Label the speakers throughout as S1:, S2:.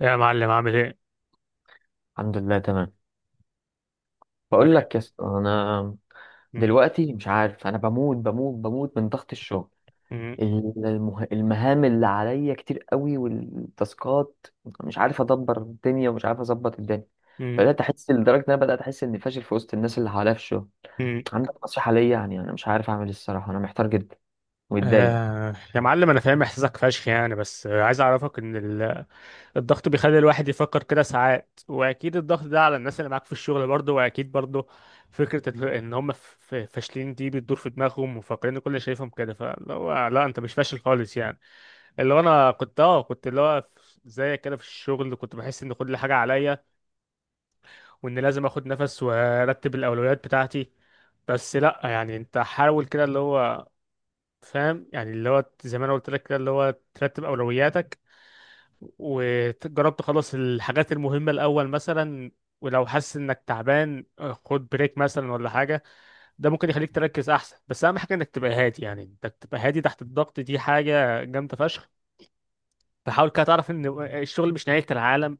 S1: يا معلم، عامل ايه؟
S2: الحمد لله تمام. بقول لك يا اسطى، انا
S1: م-
S2: دلوقتي مش عارف، انا بموت من ضغط الشغل.
S1: م-
S2: المهام اللي عليا كتير قوي والتاسكات. مش عارف ادبر الدنيا ومش عارف اظبط الدنيا.
S1: م-
S2: بدات احس، لدرجه ان انا بدات احس اني فاشل في وسط الناس اللي حواليا في الشغل.
S1: م.
S2: عندك نصيحه ليا؟ يعني انا مش عارف اعمل إيه الصراحه، انا محتار جدا ومتضايق.
S1: آه يا معلم، انا فاهم احساسك فشخ يعني بس عايز اعرفك ان الضغط بيخلي الواحد يفكر كده ساعات، واكيد الضغط ده على الناس اللي معاك في الشغل برضه، واكيد برضه فكرة ان هم فاشلين دي بتدور في دماغهم وفاكرين إن كل اللي شايفهم كده، فاللي هو لا، انت مش فاشل خالص يعني. اللي هو انا كنت كنت اللي هو زيك كده في الشغل، كنت بحس ان كل حاجة عليا وان لازم اخد نفس وارتب الاولويات بتاعتي. بس لا يعني، انت حاول كده اللي هو فاهم يعني اللي هو زي ما انا قلت لك كده، اللي هو ترتب اولوياتك وجرب تخلص الحاجات المهمة الاول مثلا. ولو حاسس انك تعبان، خد بريك مثلا ولا حاجة. ده ممكن يخليك تركز احسن، بس اهم حاجة انك تبقى هادي، يعني انك تبقى هادي تحت الضغط دي حاجة جامدة فشخ. فحاول كده تعرف ان الشغل مش نهاية العالم،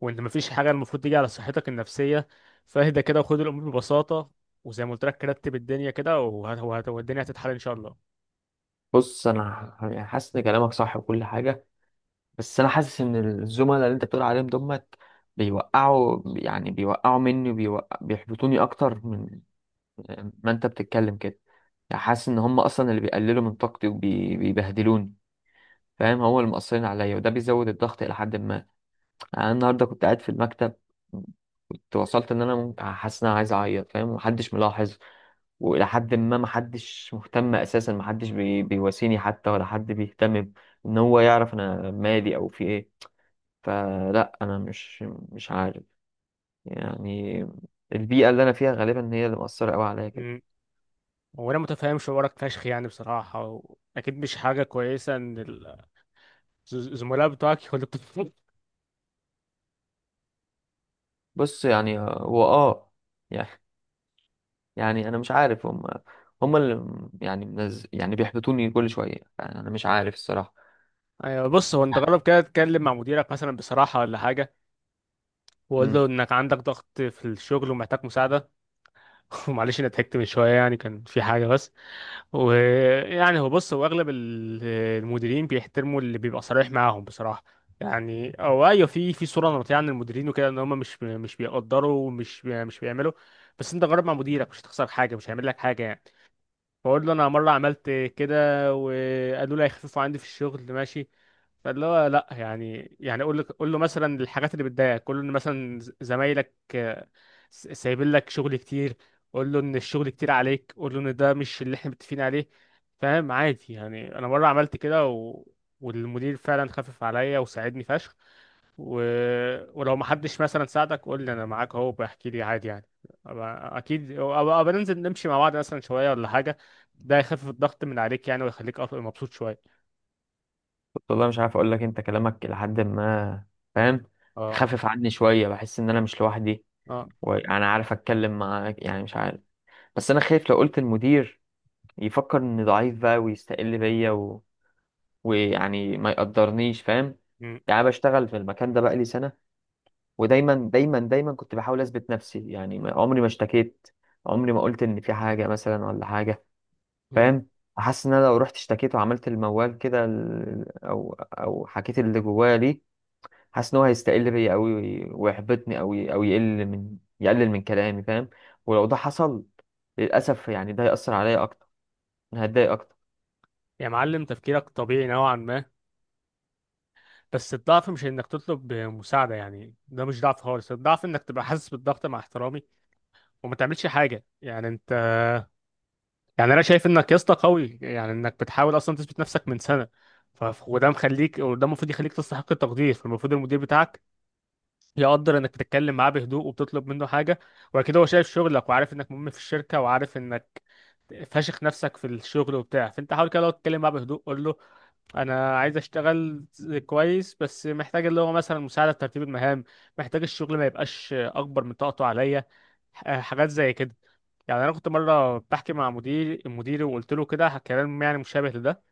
S1: وان مفيش حاجه المفروض تيجي على صحتك النفسيه. فاهدى كده وخد الامور ببساطه. وزي ما قلت لك، رتب الدنيا كده والدنيا هتتحل ان شاء الله.
S2: بص، يعني حاسس ان كلامك صح وكل حاجه، بس انا حاسس ان الزملاء اللي انت بتقول عليهم دمت بيوقعوا، يعني بيوقعوا مني وبيوقع بيحبطوني اكتر من ما انت بتتكلم كده. يعني حاسس ان هم اصلا اللي بيقللوا من طاقتي وبيبهدلوني، فاهم؟ هو اللي مقصرين عليا، وده بيزود الضغط الى حد ما. يعني انا النهارده كنت قاعد في المكتب، كنت وصلت ان انا ممكن، حاسس ان انا عايز اعيط فاهم، ومحدش ملاحظ والى حد ما محدش مهتم اساسا. محدش بيواسيني حتى ولا حد بيهتم ان هو يعرف انا مالي او في ايه. فلا، انا مش عارف. يعني البيئه اللي انا فيها غالبا هي اللي مأثره قوي عليا كده.
S1: امم، وانا متفاهم شعورك فشخ يعني بصراحه اكيد مش حاجه كويسه ان الزملاء بتوعك يقولوا
S2: بص يعني، هو يعني انا مش عارف، هم يعني يعني بيحبطوني كل شويه. يعني انا مش عارف الصراحه.
S1: ايوه، بص، هو انت جرب كده تتكلم مع مديرك مثلا بصراحه ولا حاجه، وقول له
S2: امم
S1: انك عندك ضغط في الشغل ومحتاج مساعده. ومعلش انا ضحكت من شويه، يعني كان في حاجه بس. ويعني هو بص، هو اغلب المديرين بيحترموا اللي بيبقى صريح معاهم بصراحه. يعني او ايوه، في صوره نمطيه عن المديرين وكده ان هم مش بيقدروا مش بيعملوا. بس انت جرب مع مديرك، مش هتخسر حاجه، مش هيعمل لك حاجه يعني. بقول له، انا مره عملت كده وقالوا لي هيخففوا عندي في الشغل، ماشي. فاللي هو لا يعني يعني قول له مثلا الحاجات اللي بتضايقك. قول له ان مثلا زمايلك سايبين لك شغل كتير. قول له ان الشغل كتير عليك، قول له ان ده مش اللي احنا متفقين عليه فاهم. عادي، يعني انا مره عملت كده والمدير فعلا خفف عليا وساعدني فشخ. و... ولو ما حدش مثلا ساعدك، قول لي، انا معاك اهو، بحكي لي عادي يعني. أبقى- اكيد أبقى ننزل نمشي مع بعض مثلا شويه ولا حاجه. ده يخفف الضغط من عليك يعني، ويخليك مبسوط شويه.
S2: والله مش عارف اقول لك، انت كلامك لحد ما، فاهم،
S1: اه.
S2: خفف عني شويه. بحس ان انا مش لوحدي
S1: اه.
S2: وانا عارف اتكلم معاك، يعني مش عارف. بس انا خايف لو قلت المدير يفكر اني ضعيف بقى ويستقل بيا، ويعني ما يقدرنيش، فاهم؟
S1: م-
S2: يعني أنا بشتغل في المكان ده بقالي سنة، ودايما دايما دايما كنت بحاول أثبت نفسي. عمري ما اشتكيت، عمري ما قلت إن في حاجة مثلا ولا حاجة،
S1: م.
S2: فاهم. حاسس إن أنا لو رحت اشتكيت وعملت الموال كده، أو حكيت اللي جوايا ليه، حاسس إن هو هيستقل بيا أوي، ويحبطني أوي، أو يقلل من كلامي، فاهم. ولو ده حصل للأسف، يعني ده هيأثر عليا أكتر، أنا هتضايق أكتر.
S1: يا معلم، تفكيرك طبيعي نوعا ما. بس الضعف مش انك تطلب مساعده، يعني ده مش ضعف خالص. الضعف انك تبقى حاسس بالضغط مع احترامي وما تعملش حاجه يعني انت. يعني انا شايف انك يا اسطى قوي، يعني انك بتحاول اصلا تثبت نفسك من سنه. وده مخليك، وده المفروض يخليك تستحق التقدير. فالمفروض المدير بتاعك يقدر انك تتكلم معاه بهدوء وبتطلب منه حاجه. واكيد هو شايف شغلك وعارف انك مهم في الشركه، وعارف انك فاشخ نفسك في الشغل وبتاع. فانت حاول كده، لو تتكلم معاه بهدوء قول له انا عايز اشتغل كويس، بس محتاج اللي هو مثلا مساعده في ترتيب المهام. محتاج الشغل ما يبقاش اكبر من طاقته عليا. حاجات زي كده. يعني انا كنت مره بحكي مع مدير مديري وقلت له كده كلام يعني مشابه لده،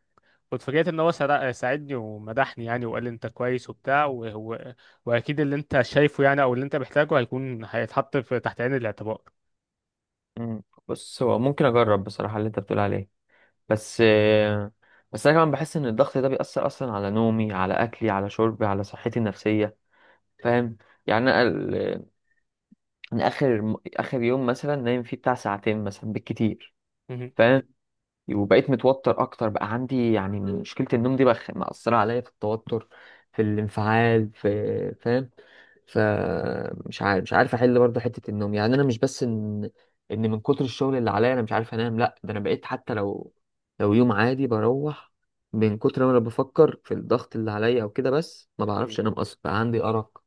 S1: واتفاجئت ان هو ساعدني ومدحني يعني، وقال لي انت كويس وبتاع. وهو واكيد اللي انت شايفه يعني، او اللي انت محتاجه هيكون هيتحط في تحت عين الاعتبار.
S2: مم. بص، هو ممكن أجرب بصراحة اللي أنت بتقول عليه، بس بس انا كمان بحس ان الضغط ده بيأثر اصلا على نومي، على اكلي، على شربي، على صحتي النفسيه، فاهم. يعني انا ال- أنا اخر يوم مثلا نايم فيه بتاع ساعتين مثلا بالكتير،
S1: مهم.
S2: فاهم. وبقيت متوتر اكتر. بقى عندي يعني مشكله النوم دي، بقى مأثره عليا في التوتر في الانفعال في، فاهم. فمش عارف مش عارف احل برضه حته النوم. يعني انا مش بس ان من كتر الشغل اللي عليا انا مش عارف انام، لا ده انا بقيت حتى لو لو يوم عادي بروح، من كتر ما انا بفكر في الضغط اللي عليا او كده بس، ما
S1: مم.
S2: بعرفش انام اصلا. بقى عندي ارق.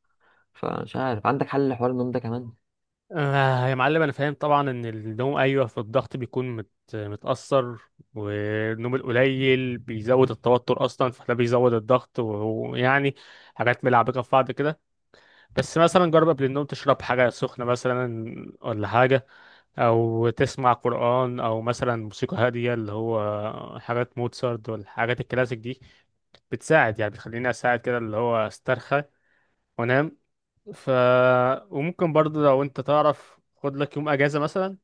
S2: فمش عارف، عندك حل لحوار النوم ده كمان؟
S1: آه يا معلم، انا فاهم طبعا ان النوم، ايوه، في الضغط بيكون متاثر. والنوم القليل بيزود التوتر اصلا، فده بيزود الضغط ويعني حاجات ملعبكه في بعض كده. بس مثلا جرب قبل النوم تشرب حاجة سخنة مثلا ولا حاجة، أو تسمع قرآن أو مثلا موسيقى هادية، اللي هو حاجات موتسارت والحاجات الكلاسيك دي بتساعد يعني، بتخليني أساعد كده اللي هو أسترخى وأنام. ف، وممكن برضه لو أنت تعرف خد لك يوم أجازة مثلا،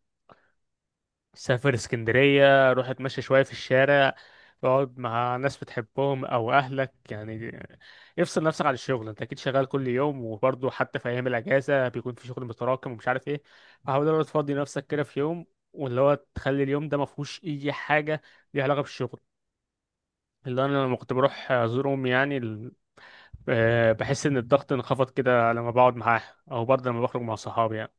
S1: سافر اسكندرية، روح اتمشى شوية في الشارع، اقعد مع ناس بتحبهم او اهلك يعني، افصل نفسك عن الشغل. انت اكيد شغال كل يوم، وبرضه حتى في ايام الاجازة بيكون في شغل متراكم ومش عارف ايه. فحاول إن هو تفضي نفسك كده في يوم، واللي هو تخلي اليوم ده ما فيهوش اي حاجة ليها علاقة بالشغل. اللي انا لما كنت بروح ازور امي، يعني بحس ان الضغط انخفض كده لما بقعد معاها، او برضه لما بخرج مع صحابي يعني.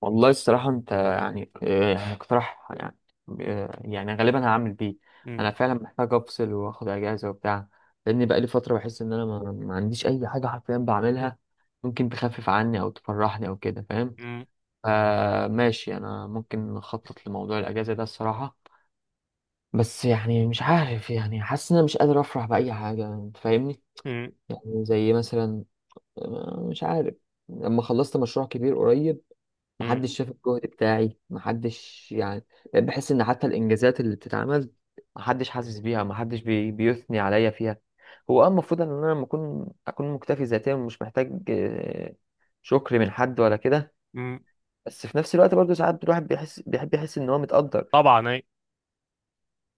S2: والله الصراحة أنت يعني يعني اقتراح يعني يعني غالبا هعمل بيه.
S1: م-
S2: أنا فعلا محتاج أفصل وآخد أجازة وبتاع، لأن بقالي فترة بحس إن أنا ما عنديش أي حاجة حرفيا بعملها ممكن تخفف عني أو تفرحني أو كده، فاهم.
S1: م-
S2: فماشي، أنا ممكن أخطط لموضوع الأجازة ده الصراحة. بس يعني مش عارف، يعني حاسس إن أنا مش قادر أفرح بأي حاجة، أنت فاهمني؟
S1: م-
S2: يعني زي مثلا، مش عارف، لما خلصت مشروع كبير قريب
S1: م-
S2: محدش شاف الجهد بتاعي، محدش يعني. بقيت بحس ان حتى الانجازات اللي بتتعمل محدش حاسس بيها، محدش بيثني عليا فيها. هو اه المفروض ان انا لما اكون مكتفي ذاتيا ومش محتاج شكر من حد ولا كده،
S1: م.
S2: بس في نفس الوقت برضه ساعات الواحد بيحب يحس ان هو متقدر.
S1: طبعا.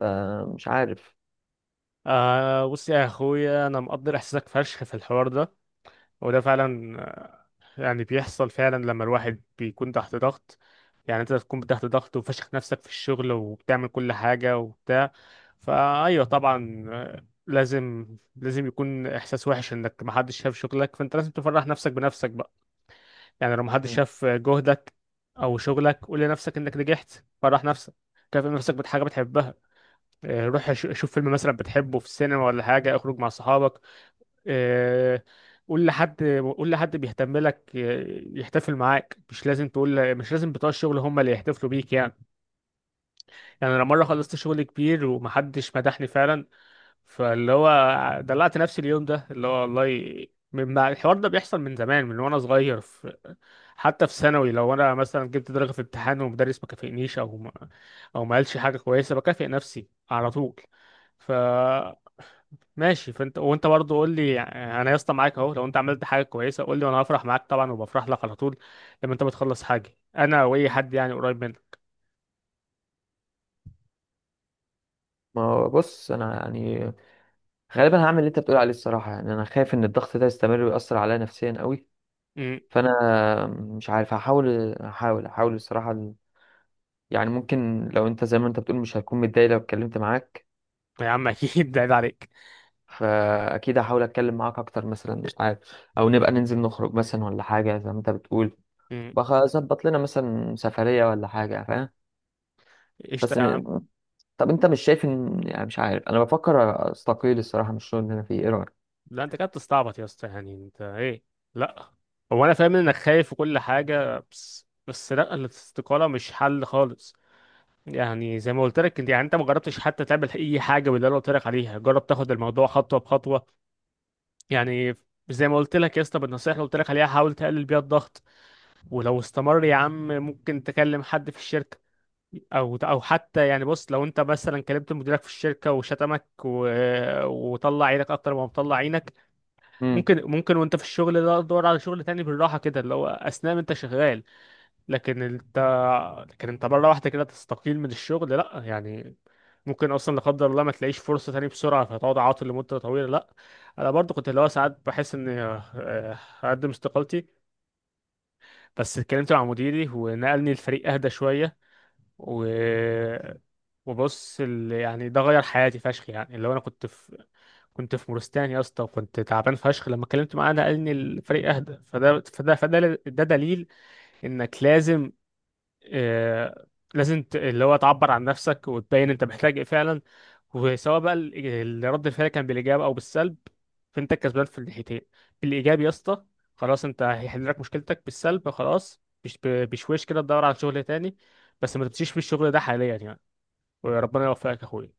S2: فمش عارف.
S1: آه، بص يا اخويا، انا مقدر احساسك فشخ في الحوار ده. وده فعلا يعني بيحصل فعلا لما الواحد بيكون تحت ضغط. يعني انت تكون تحت ضغط وفشخ نفسك في الشغل وبتعمل كل حاجة وبتاع. فايوه طبعا لازم يكون احساس وحش انك محدش شاف شغلك. فانت لازم تفرح نفسك بنفسك بقى. يعني لو محدش
S2: مم.
S1: شاف جهدك او شغلك، قول لنفسك انك نجحت، فرح نفسك، كافئ نفسك بحاجة بتحبها. روح شوف فيلم مثلا بتحبه في السينما ولا حاجة، اخرج مع صحابك. آه، قول لحد قول لحد بيهتم لك يحتفل معاك. مش لازم تقول، مش لازم بتوع الشغل هم اللي يحتفلوا بيك يعني. يعني انا مره خلصت شغل كبير ومحدش مدحني فعلا، فاللي هو دلعت نفسي اليوم ده اللي هو والله. من ما- الحوار ده بيحصل من زمان، من وانا صغير في، حتى في ثانوي، لو انا مثلا جبت درجه في امتحان ومدرس ما كافئنيش او ما قالش حاجه كويسه، بكافئ نفسي على طول ماشي. فانت وانت برضه قول لي، يعني انا يا اسطى معاك اهو، لو انت عملت حاجه كويسه قول لي وانا هفرح معاك طبعا، وبفرح لك على طول لما انت بتخلص حاجه، انا واي حد يعني قريب منك.
S2: ما هو بص، انا يعني غالبا هعمل اللي انت بتقول عليه الصراحه. يعني انا خايف ان الضغط ده يستمر ويأثر عليا نفسيا قوي.
S1: امم.
S2: فانا مش عارف، هحاول الصراحه يعني ممكن لو انت زي ما انت بتقول، مش هتكون متضايق لو اتكلمت معاك؟
S1: يا عم اكيد ده عيب عليك.
S2: فاكيد هحاول اتكلم معاك اكتر مثلا، مش عارف، او نبقى ننزل نخرج مثلا ولا حاجه زي ما انت بتقول.
S1: امم.
S2: بظبط لنا مثلا سفريه ولا حاجه، فاهم.
S1: قشطه
S2: بس
S1: يا عم.
S2: م... طب انت مش شايف ان، يعني مش عارف، انا بفكر استقيل الصراحه من الشغل اللي انا فيه، ايه رايك؟
S1: لا، انت كده بتستعبط يا اسطى، يعني انت ايه؟ لا. هو انا فاهم انك خايف وكل حاجه، بس لا، الاستقاله مش حل خالص. يعني زي ما قلت لك، انت يعني انت ما جربتش حتى تعمل اي حاجه باللي انا قلت لك عليها. جرب تاخد الموضوع خطوه بخطوه يعني. زي ما قلت لك يا اسطى، بالنصيحه اللي قلت لك عليها، حاول تقلل بيها الضغط. ولو استمر يا عم، ممكن تكلم حد في الشركه او حتى. يعني بص، لو انت مثلا كلمت مديرك في الشركه وشتمك وطلع عينك اكتر ما مطلع عينك،
S2: إمم.
S1: ممكن، ممكن وانت في الشغل ده تدور على شغل تاني بالراحه كده، اللي هو اثناء ما انت شغال. لكن انت، مره واحده كده تستقيل من الشغل، لا يعني. ممكن اصلا لا قدر الله ما تلاقيش فرصه تاني بسرعه، فتقعد عاطل لمده طويله، لا. انا برضو كنت اللي هو ساعات بحس اني هقدم استقالتي. بس اتكلمت مع مديري ونقلني الفريق اهدى شويه. و، وبص يعني ده غير حياتي فشخ، يعني اللي هو انا كنت في، كنت في مورستان يا اسطى وكنت تعبان فشخ. لما اتكلمت معاه نقلني الفريق اهدى، فده ده دليل انك لازم آه، لازم اللي هو تعبر عن نفسك وتبين انت محتاج ايه فعلا. وسواء بقى رد الفعل كان بالايجاب او بالسلب، فانت الكسبان في الناحيتين. بالايجاب يا اسطى، خلاص انت هيحل لك مشكلتك. بالسلب، خلاص، بشويش كده تدور على شغل تاني، بس ما تمشيش في الشغل ده حاليا يعني. وربنا يوفقك يا اخويا.